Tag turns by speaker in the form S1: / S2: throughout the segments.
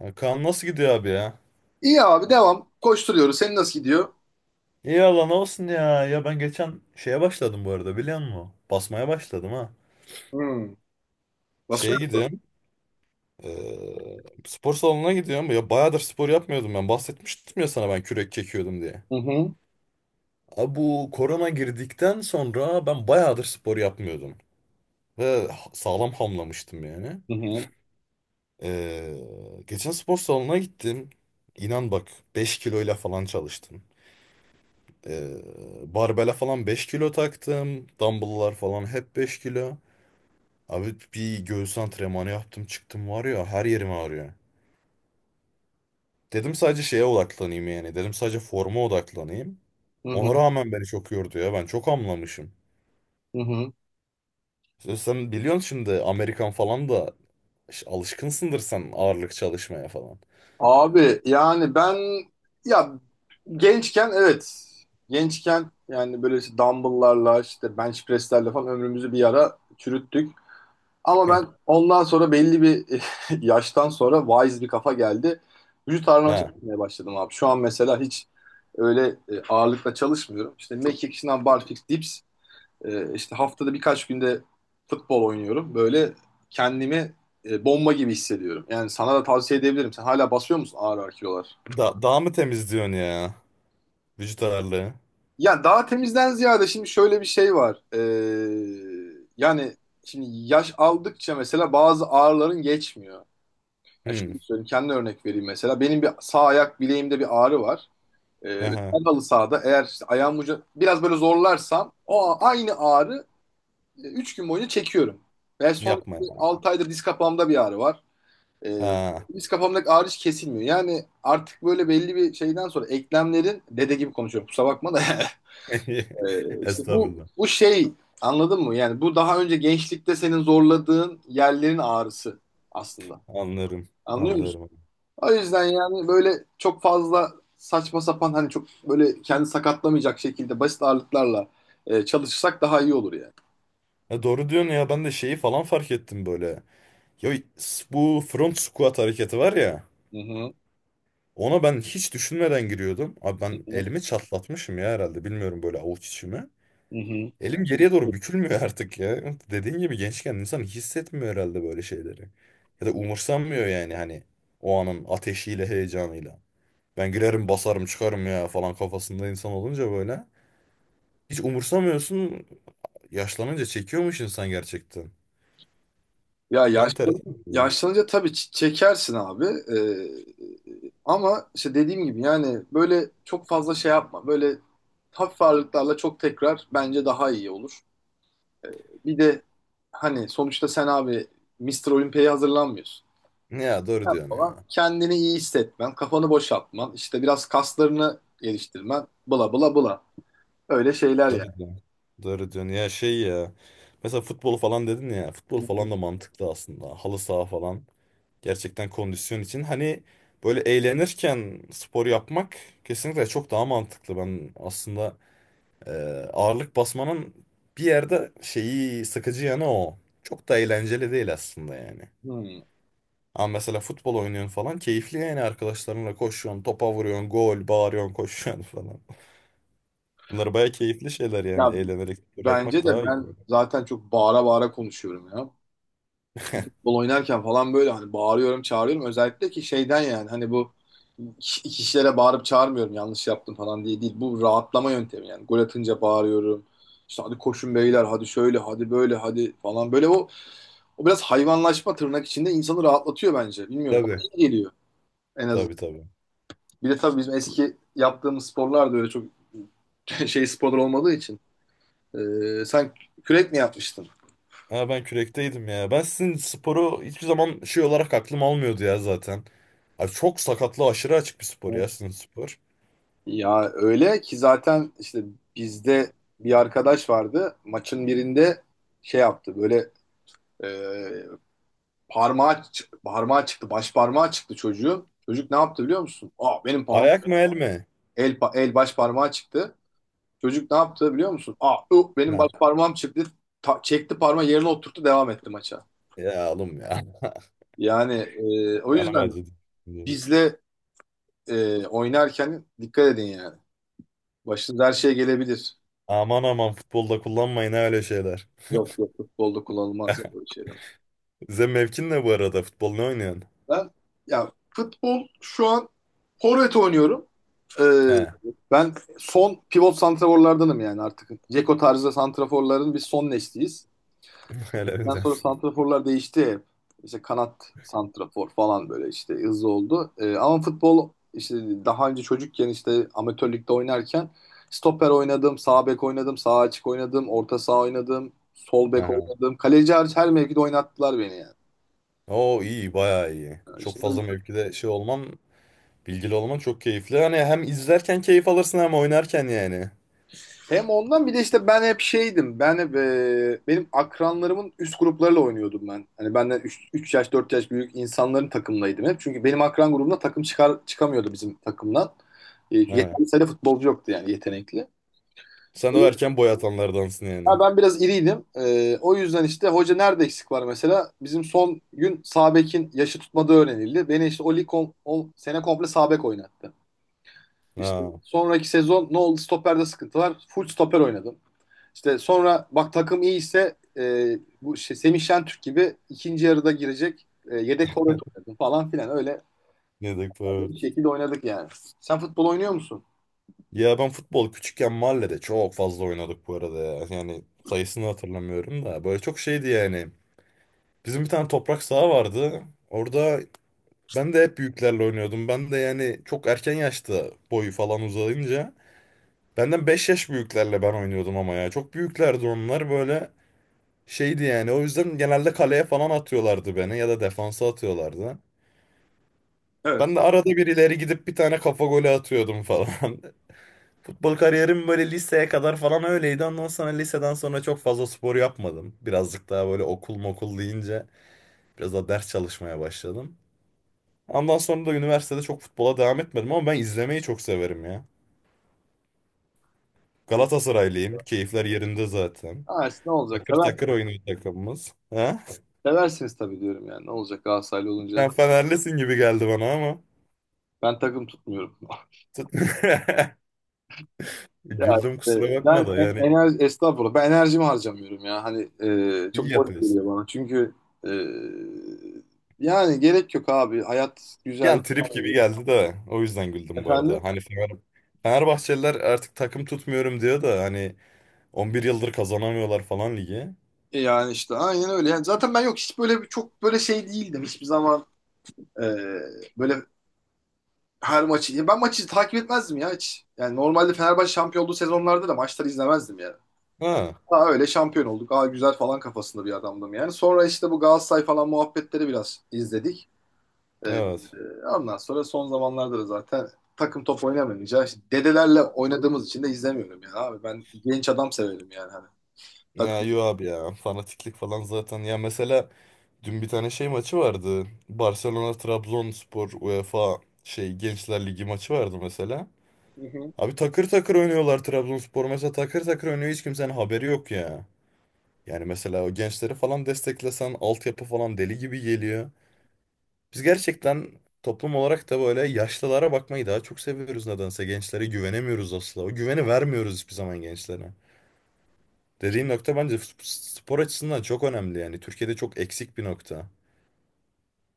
S1: Ya Kaan nasıl gidiyor abi ya?
S2: İyi abi devam. Koşturuyoruz. Senin nasıl gidiyor?
S1: İyi Allah ne olsun ya. Ya ben geçen şeye başladım bu arada biliyor musun? Basmaya başladım ha.
S2: Hmm. Nasıl?
S1: Şeye gidiyorum. Spor salonuna gidiyorum. Ya bayağıdır spor yapmıyordum ben. Bahsetmiştim ya sana ben kürek çekiyordum diye.
S2: Hı hı,
S1: Abi bu korona girdikten sonra ben bayağıdır spor yapmıyordum. Ve sağlam hamlamıştım yani.
S2: hı hı,
S1: Eee, Geçen spor salonuna gittim. İnan bak 5 kiloyla falan çalıştım. Ee, Barbele falan 5 kilo taktım. Dumbbell'lar falan hep 5 kilo. Abi bir göğüs antrenmanı yaptım çıktım var ya her yerim ağrıyor. Dedim sadece şeye odaklanayım yani. Dedim sadece forma odaklanayım.
S2: hı hı,
S1: Ona rağmen beni çok yordu ya. Ben çok hamlamışım.
S2: hı hı.
S1: Sen biliyorsun şimdi Amerikan falan da alışkınsındır sen ağırlık çalışmaya falan.
S2: Abi yani ben ya gençken evet gençken yani böyle işte dumbbell'larla işte bench press'lerle falan ömrümüzü bir ara çürüttük. Ama ben ondan sonra belli bir yaştan sonra wise bir kafa geldi. Vücut ağırlama
S1: Ha.
S2: çalışmaya başladım abi. Şu an mesela hiç öyle ağırlıkla çalışmıyorum. İşte mekik, şınav, barfix, dips. İşte haftada birkaç günde futbol oynuyorum. Böyle kendimi bomba gibi hissediyorum. Yani sana da tavsiye edebilirim. Sen hala basıyor musun ağır ağır kilolar?
S1: Daha mı temizliyorsun ya? Vücut ağırlığı.
S2: Yani daha temizden ziyade şimdi şöyle bir şey var. Yani şimdi yaş aldıkça mesela bazı ağrıların geçmiyor. Yani
S1: Hmm.
S2: şöyle söyleyeyim, kendi örnek vereyim mesela. Benim bir sağ ayak bileğimde bir ağrı var. Ve
S1: Aha.
S2: ben halı sahada eğer işte ayağım ucu biraz böyle zorlarsam aynı ağrı 3 gün boyunca çekiyorum. Ve son
S1: Yapma ya.
S2: 6 aydır diz kapağımda bir ağrı var. Ee,
S1: Ha.
S2: diz kapağımdaki ağrı hiç kesilmiyor. Yani artık böyle belli bir şeyden sonra eklemlerin dede gibi konuşuyorum kusura bakma da İşte bu
S1: Estağfurullah.
S2: bu şey, anladın mı? Yani bu daha önce gençlikte senin zorladığın yerlerin ağrısı aslında.
S1: Anlarım.
S2: Anlıyor musun?
S1: Anlarım.
S2: O yüzden yani böyle çok fazla saçma sapan hani çok böyle kendi sakatlamayacak şekilde basit ağırlıklarla çalışırsak daha iyi olur yani.
S1: Ya doğru diyorsun ya ben de şeyi falan fark ettim böyle. Ya bu front squat hareketi var ya.
S2: Hı hı,
S1: Ona ben hiç düşünmeden giriyordum. Abi
S2: hı
S1: ben
S2: hı,
S1: elimi çatlatmışım ya herhalde. Bilmiyorum böyle avuç içimi.
S2: hı hı.
S1: Elim geriye doğru bükülmüyor artık ya. Dediğin gibi gençken insan hissetmiyor herhalde böyle şeyleri. Ya da umursamıyor yani hani o anın ateşiyle heyecanıyla. Ben girerim basarım çıkarım ya falan kafasında insan olunca böyle. Hiç umursamıyorsun. Yaşlanınca çekiyormuş insan gerçekten.
S2: Ya
S1: Şu an teras ya.
S2: yaşlanınca tabii çekersin abi. Ama işte dediğim gibi yani böyle çok fazla şey yapma. Böyle hafif ağırlıklarla çok tekrar bence daha iyi olur. Bir de hani sonuçta sen abi Mister Olympia'ya hazırlanmıyorsun.
S1: Ya doğru
S2: Sen
S1: diyorsun
S2: falan
S1: ya.
S2: kendini iyi hissetmen, kafanı boşaltman, işte biraz kaslarını geliştirmen, bla bla bla. Öyle şeyler
S1: Doğru
S2: yani.
S1: diyorsun. Doğru diyorsun. Ya şey ya. Mesela futbol falan dedin ya. Futbol
S2: Hı hı.
S1: falan da mantıklı aslında. Halı saha falan. Gerçekten kondisyon için. Hani böyle eğlenirken spor yapmak kesinlikle çok daha mantıklı. Ben aslında e, ağırlık basmanın bir yerde şeyi sıkıcı yanı o. Çok da eğlenceli değil aslında yani.
S2: Hmm.
S1: Ama mesela futbol oynuyorsun falan keyifli yani arkadaşlarınla koşuyorsun, topa vuruyorsun, gol, bağırıyorsun, koşuyorsun falan. Bunlar baya keyifli şeyler yani.
S2: Ya
S1: Eğlenerek spor
S2: bence
S1: yapmak
S2: de
S1: daha iyi.
S2: ben zaten çok bağıra bağıra konuşuyorum ya. Futbol oynarken falan böyle hani bağırıyorum, çağırıyorum. Özellikle ki şeyden yani hani bu kişilere bağırıp çağırmıyorum yanlış yaptım falan diye değil. Bu rahatlama yöntemi yani. Gol atınca bağırıyorum. İşte hadi koşun beyler, hadi şöyle, hadi böyle, hadi falan. Böyle o biraz hayvanlaşma tırnak içinde insanı rahatlatıyor bence. Bilmiyorum bana
S1: Tabii.
S2: iyi geliyor en
S1: Tabii
S2: azından.
S1: tabii.
S2: Bir de tabii bizim eski yaptığımız sporlar da öyle çok şey sporlar olmadığı için. Sen kürek mi yapmıştın?
S1: Ha ben kürekteydim ya. Ben sizin sporu hiçbir zaman şey olarak aklım almıyordu ya zaten. Abi çok sakatlı aşırı açık bir spor ya sizin spor.
S2: Ya öyle ki zaten işte bizde bir arkadaş vardı. Maçın birinde şey yaptı. Böyle e, parmağı çıktı. Baş parmağı çıktı çocuğun. Çocuk ne yaptı biliyor musun? Aa benim parmağım
S1: Ayak mı el mi?
S2: el baş parmağı çıktı. Çocuk ne yaptı biliyor musun? Aa benim baş
S1: Ha.
S2: parmağım çıktı. Çekti parmağı yerine oturttu devam etti maça.
S1: Ya oğlum ya.
S2: Yani o
S1: Canım
S2: yüzden
S1: acıdı.
S2: bizle oynarken dikkat edin yani. Başınıza her şey gelebilir.
S1: Aman aman futbolda kullanmayın ha öyle şeyler.
S2: Yok yok futbolda kullanılmaz ya böyle şey.
S1: Size mevkin ne bu arada? Futbol ne oynuyorsun?
S2: Ben ya futbol şu an forvet oynuyorum. Ee,
S1: He.
S2: ben son pivot santraforlardanım yani artık. Ceko tarzı santraforların biz son nesliyiz.
S1: Öyle mi
S2: Ondan sonra
S1: diyorsun?
S2: santraforlar değişti hep. İşte kanat santrafor falan böyle işte hızlı oldu. Ama futbol işte daha önce çocukken işte amatör ligde oynarken stoper oynadım, sağ bek oynadım, sağ açık oynadım, orta saha oynadım, sol bek
S1: Aha.
S2: oynadım. Kaleci hariç her mevkide oynattılar beni yani.
S1: Oo iyi bayağı iyi. Çok
S2: İşte
S1: fazla
S2: o
S1: mevkide şey olman bilgili olman çok keyifli. Hani hem izlerken keyif alırsın hem oynarken yani.
S2: Hem ondan bir de işte ben hep şeydim. Ben hep benim akranlarımın üst gruplarıyla oynuyordum ben. Hani benden 3 yaş 4 yaş büyük insanların takımlaydım hep. Çünkü benim akran grubumda takım çıkamıyordu bizim takımdan. E,
S1: Ha.
S2: yeterli sayıda futbolcu yoktu yani yetenekli.
S1: Sen de o erken boy atanlardansın yani.
S2: Ha, ben biraz iriydim. O yüzden işte hoca nerede eksik var mesela? Bizim son gün sağ bekin yaşı tutmadığı öğrenildi. Beni işte o sene komple sağ bek oynattı. İşte
S1: Ha.
S2: sonraki sezon ne oldu? Stoperde sıkıntı var. Full stoper oynadım. İşte sonra bak takım iyi ise bu şey, Semih Şentürk gibi ikinci yarıda girecek yedek forvet oynadım falan filan öyle
S1: Ne dedik bu,
S2: bir
S1: evet.
S2: şekilde oynadık yani. Sen futbol oynuyor musun?
S1: Ya ben futbol küçükken mahallede çok fazla oynadık bu arada ya. Yani sayısını hatırlamıyorum da. Böyle çok şeydi yani. Bizim bir tane toprak saha vardı. Orada ben de hep büyüklerle oynuyordum. Ben de yani çok erken yaşta boyu falan uzayınca. Benden 5 yaş büyüklerle ben oynuyordum ama ya. Çok büyüklerdi onlar böyle. Şeydi yani o yüzden genelde kaleye falan atıyorlardı beni ya da defansa atıyorlardı.
S2: Evet.
S1: Ben de arada bir ileri gidip bir tane kafa golü atıyordum falan. Futbol kariyerim böyle liseye kadar falan öyleydi. Ondan sonra liseden sonra çok fazla spor yapmadım. Birazcık daha böyle okul mokul deyince biraz daha ders çalışmaya başladım. Ondan sonra da üniversitede çok futbola devam etmedim ama ben izlemeyi çok severim ya. Galatasaraylıyım. Keyifler yerinde zaten.
S2: Ha, işte ne olacak?
S1: Takır takır oynuyor takımımız. Ha?
S2: Seversiniz tabii diyorum yani. Ne olacak Galatasaraylı olunca?
S1: Sen Fenerlisin gibi geldi bana ama.
S2: Ben takım tutmuyorum. Ya
S1: Güldüm kusura
S2: işte
S1: bakma
S2: ben
S1: da yani
S2: enerji, estağfurullah ben enerjimi harcamıyorum ya. Hani
S1: iyi
S2: çok boş geliyor
S1: yapıyorsun.
S2: bana. Çünkü e, yani gerek yok abi. Hayat güzel.
S1: Yani trip
S2: Devam
S1: gibi
S2: ediyor.
S1: geldi de o yüzden güldüm bu
S2: Efendim?
S1: arada. Hani Fenerbahçeliler artık takım tutmuyorum diyor da hani 11 yıldır kazanamıyorlar falan ligi.
S2: Yani işte aynen öyle. Yani zaten ben yok hiç böyle çok böyle şey değildim hiçbir zaman. Ee, böyle her maçı. Ya ben maçı takip etmezdim ya hiç. Yani normalde Fenerbahçe şampiyon olduğu sezonlarda da maçları izlemezdim yani.
S1: Ha,
S2: Daha öyle şampiyon olduk. Aa güzel falan kafasında bir adamdım yani. Sonra işte bu Galatasaray falan muhabbetleri biraz izledik. Ee,
S1: evet.
S2: ondan sonra son zamanlarda da zaten takım top oynamayınca işte dedelerle oynadığımız için de izlemiyorum yani abi. Ben genç adam severim yani hani.
S1: Ya
S2: Takım.
S1: yo abi ya fanatiklik falan zaten. Ya mesela dün bir tane şey maçı vardı. Barcelona Trabzonspor UEFA şey Gençler Ligi maçı vardı mesela.
S2: Hı hı.
S1: Abi takır takır oynuyorlar Trabzonspor mesela takır takır oynuyor hiç kimsenin haberi yok ya. Yani mesela o gençleri falan desteklesen altyapı falan deli gibi geliyor. Biz gerçekten toplum olarak da böyle yaşlılara bakmayı daha çok seviyoruz nedense. Gençlere güvenemiyoruz asla. O güveni vermiyoruz hiçbir zaman gençlere. Dediğin nokta bence spor açısından çok önemli yani. Türkiye'de çok eksik bir nokta.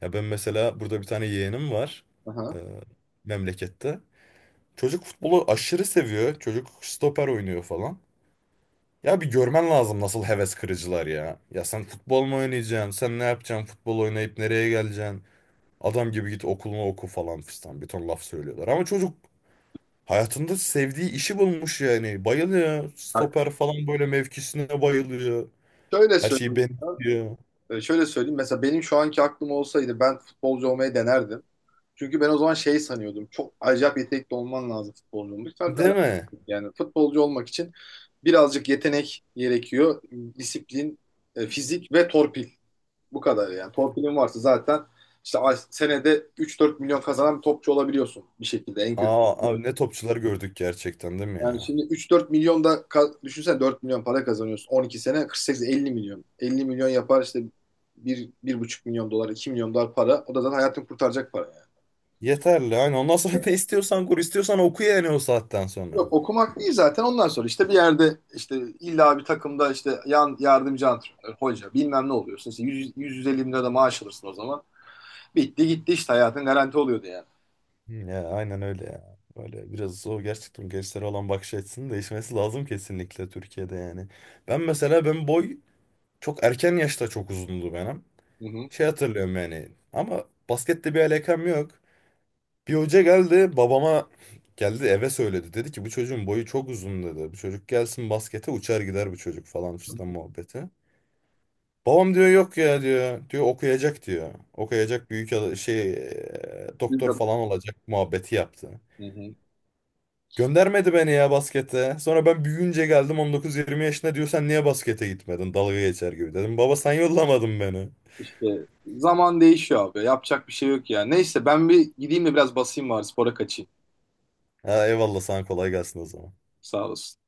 S1: Ya ben mesela burada bir tane yeğenim var, e,
S2: Aha.
S1: memlekette. Çocuk futbolu aşırı seviyor. Çocuk stoper oynuyor falan. Ya bir görmen lazım nasıl heves kırıcılar ya. Ya sen futbol mu oynayacaksın? Sen ne yapacaksın? Futbol oynayıp nereye geleceksin? Adam gibi git okulunu oku falan fistan. Bir ton laf söylüyorlar. Ama çocuk hayatında sevdiği işi bulmuş yani. Bayılıyor.
S2: Bak,
S1: Stoper falan böyle mevkisine bayılıyor.
S2: şöyle
S1: Her şeyi
S2: söyleyeyim.
S1: benziyor.
S2: Şöyle söyleyeyim. Mesela benim şu anki aklım olsaydı ben futbolcu olmayı denerdim. Çünkü ben o zaman şey sanıyordum. Çok acayip yetenekli olman lazım futbolcu olmak. Tabii alakası
S1: Değil mi?
S2: yok. Yani futbolcu olmak için birazcık yetenek gerekiyor. Disiplin, fizik ve torpil. Bu kadar yani. Torpilin varsa zaten işte senede 3-4 milyon kazanan bir topçu olabiliyorsun bir şekilde en kötü.
S1: Aa, abi ne topçular gördük gerçekten değil mi
S2: Yani
S1: ya?
S2: şimdi üç dört milyon da düşünsene 4 milyon para kazanıyorsun. 12 sene 48 50 milyon. 50 milyon yapar işte bir 1,5 milyon dolar, 2 milyon dolar para. O da zaten hayatını kurtaracak para yani.
S1: Yeterli. Aynen. Ondan sonra ne istiyorsan kur, istiyorsan oku yani o saatten sonra.
S2: Yok okumak değil zaten ondan sonra işte bir yerde işte illa bir takımda işte yan yardımcı antrenör, hoca bilmem ne oluyorsun. İşte 100, 150 bin lira da maaş alırsın o zaman. Bitti gitti işte hayatın garanti oluyordu yani.
S1: Ya aynen öyle ya. Böyle biraz o gerçekten gençlere olan bakış açısının değişmesi lazım kesinlikle Türkiye'de yani. Ben mesela ben boy çok erken yaşta çok uzundu benim.
S2: Hı hı.
S1: Şey hatırlıyorum yani ama baskette bir alakam yok. Bir hoca geldi babama, geldi eve söyledi. Dedi ki bu çocuğun boyu çok uzun dedi. Bu çocuk gelsin baskete uçar gider bu çocuk falan fistan muhabbeti. Babam diyor yok ya diyor. Diyor okuyacak diyor. Okuyacak büyük şey
S2: Bir de-
S1: doktor falan olacak muhabbeti yaptı.
S2: Hı hı.
S1: Göndermedi beni ya baskete. Sonra ben büyüyünce geldim 19-20 yaşında diyor sen niye baskete gitmedin? Dalga geçer gibi dedim. Baba sen yollamadın beni.
S2: İşte zaman değişiyor abi. Yapacak bir şey yok ya. Neyse ben bir gideyim de biraz basayım var spora kaçayım.
S1: Ha, eyvallah sana kolay gelsin o zaman.
S2: Sağ olasın.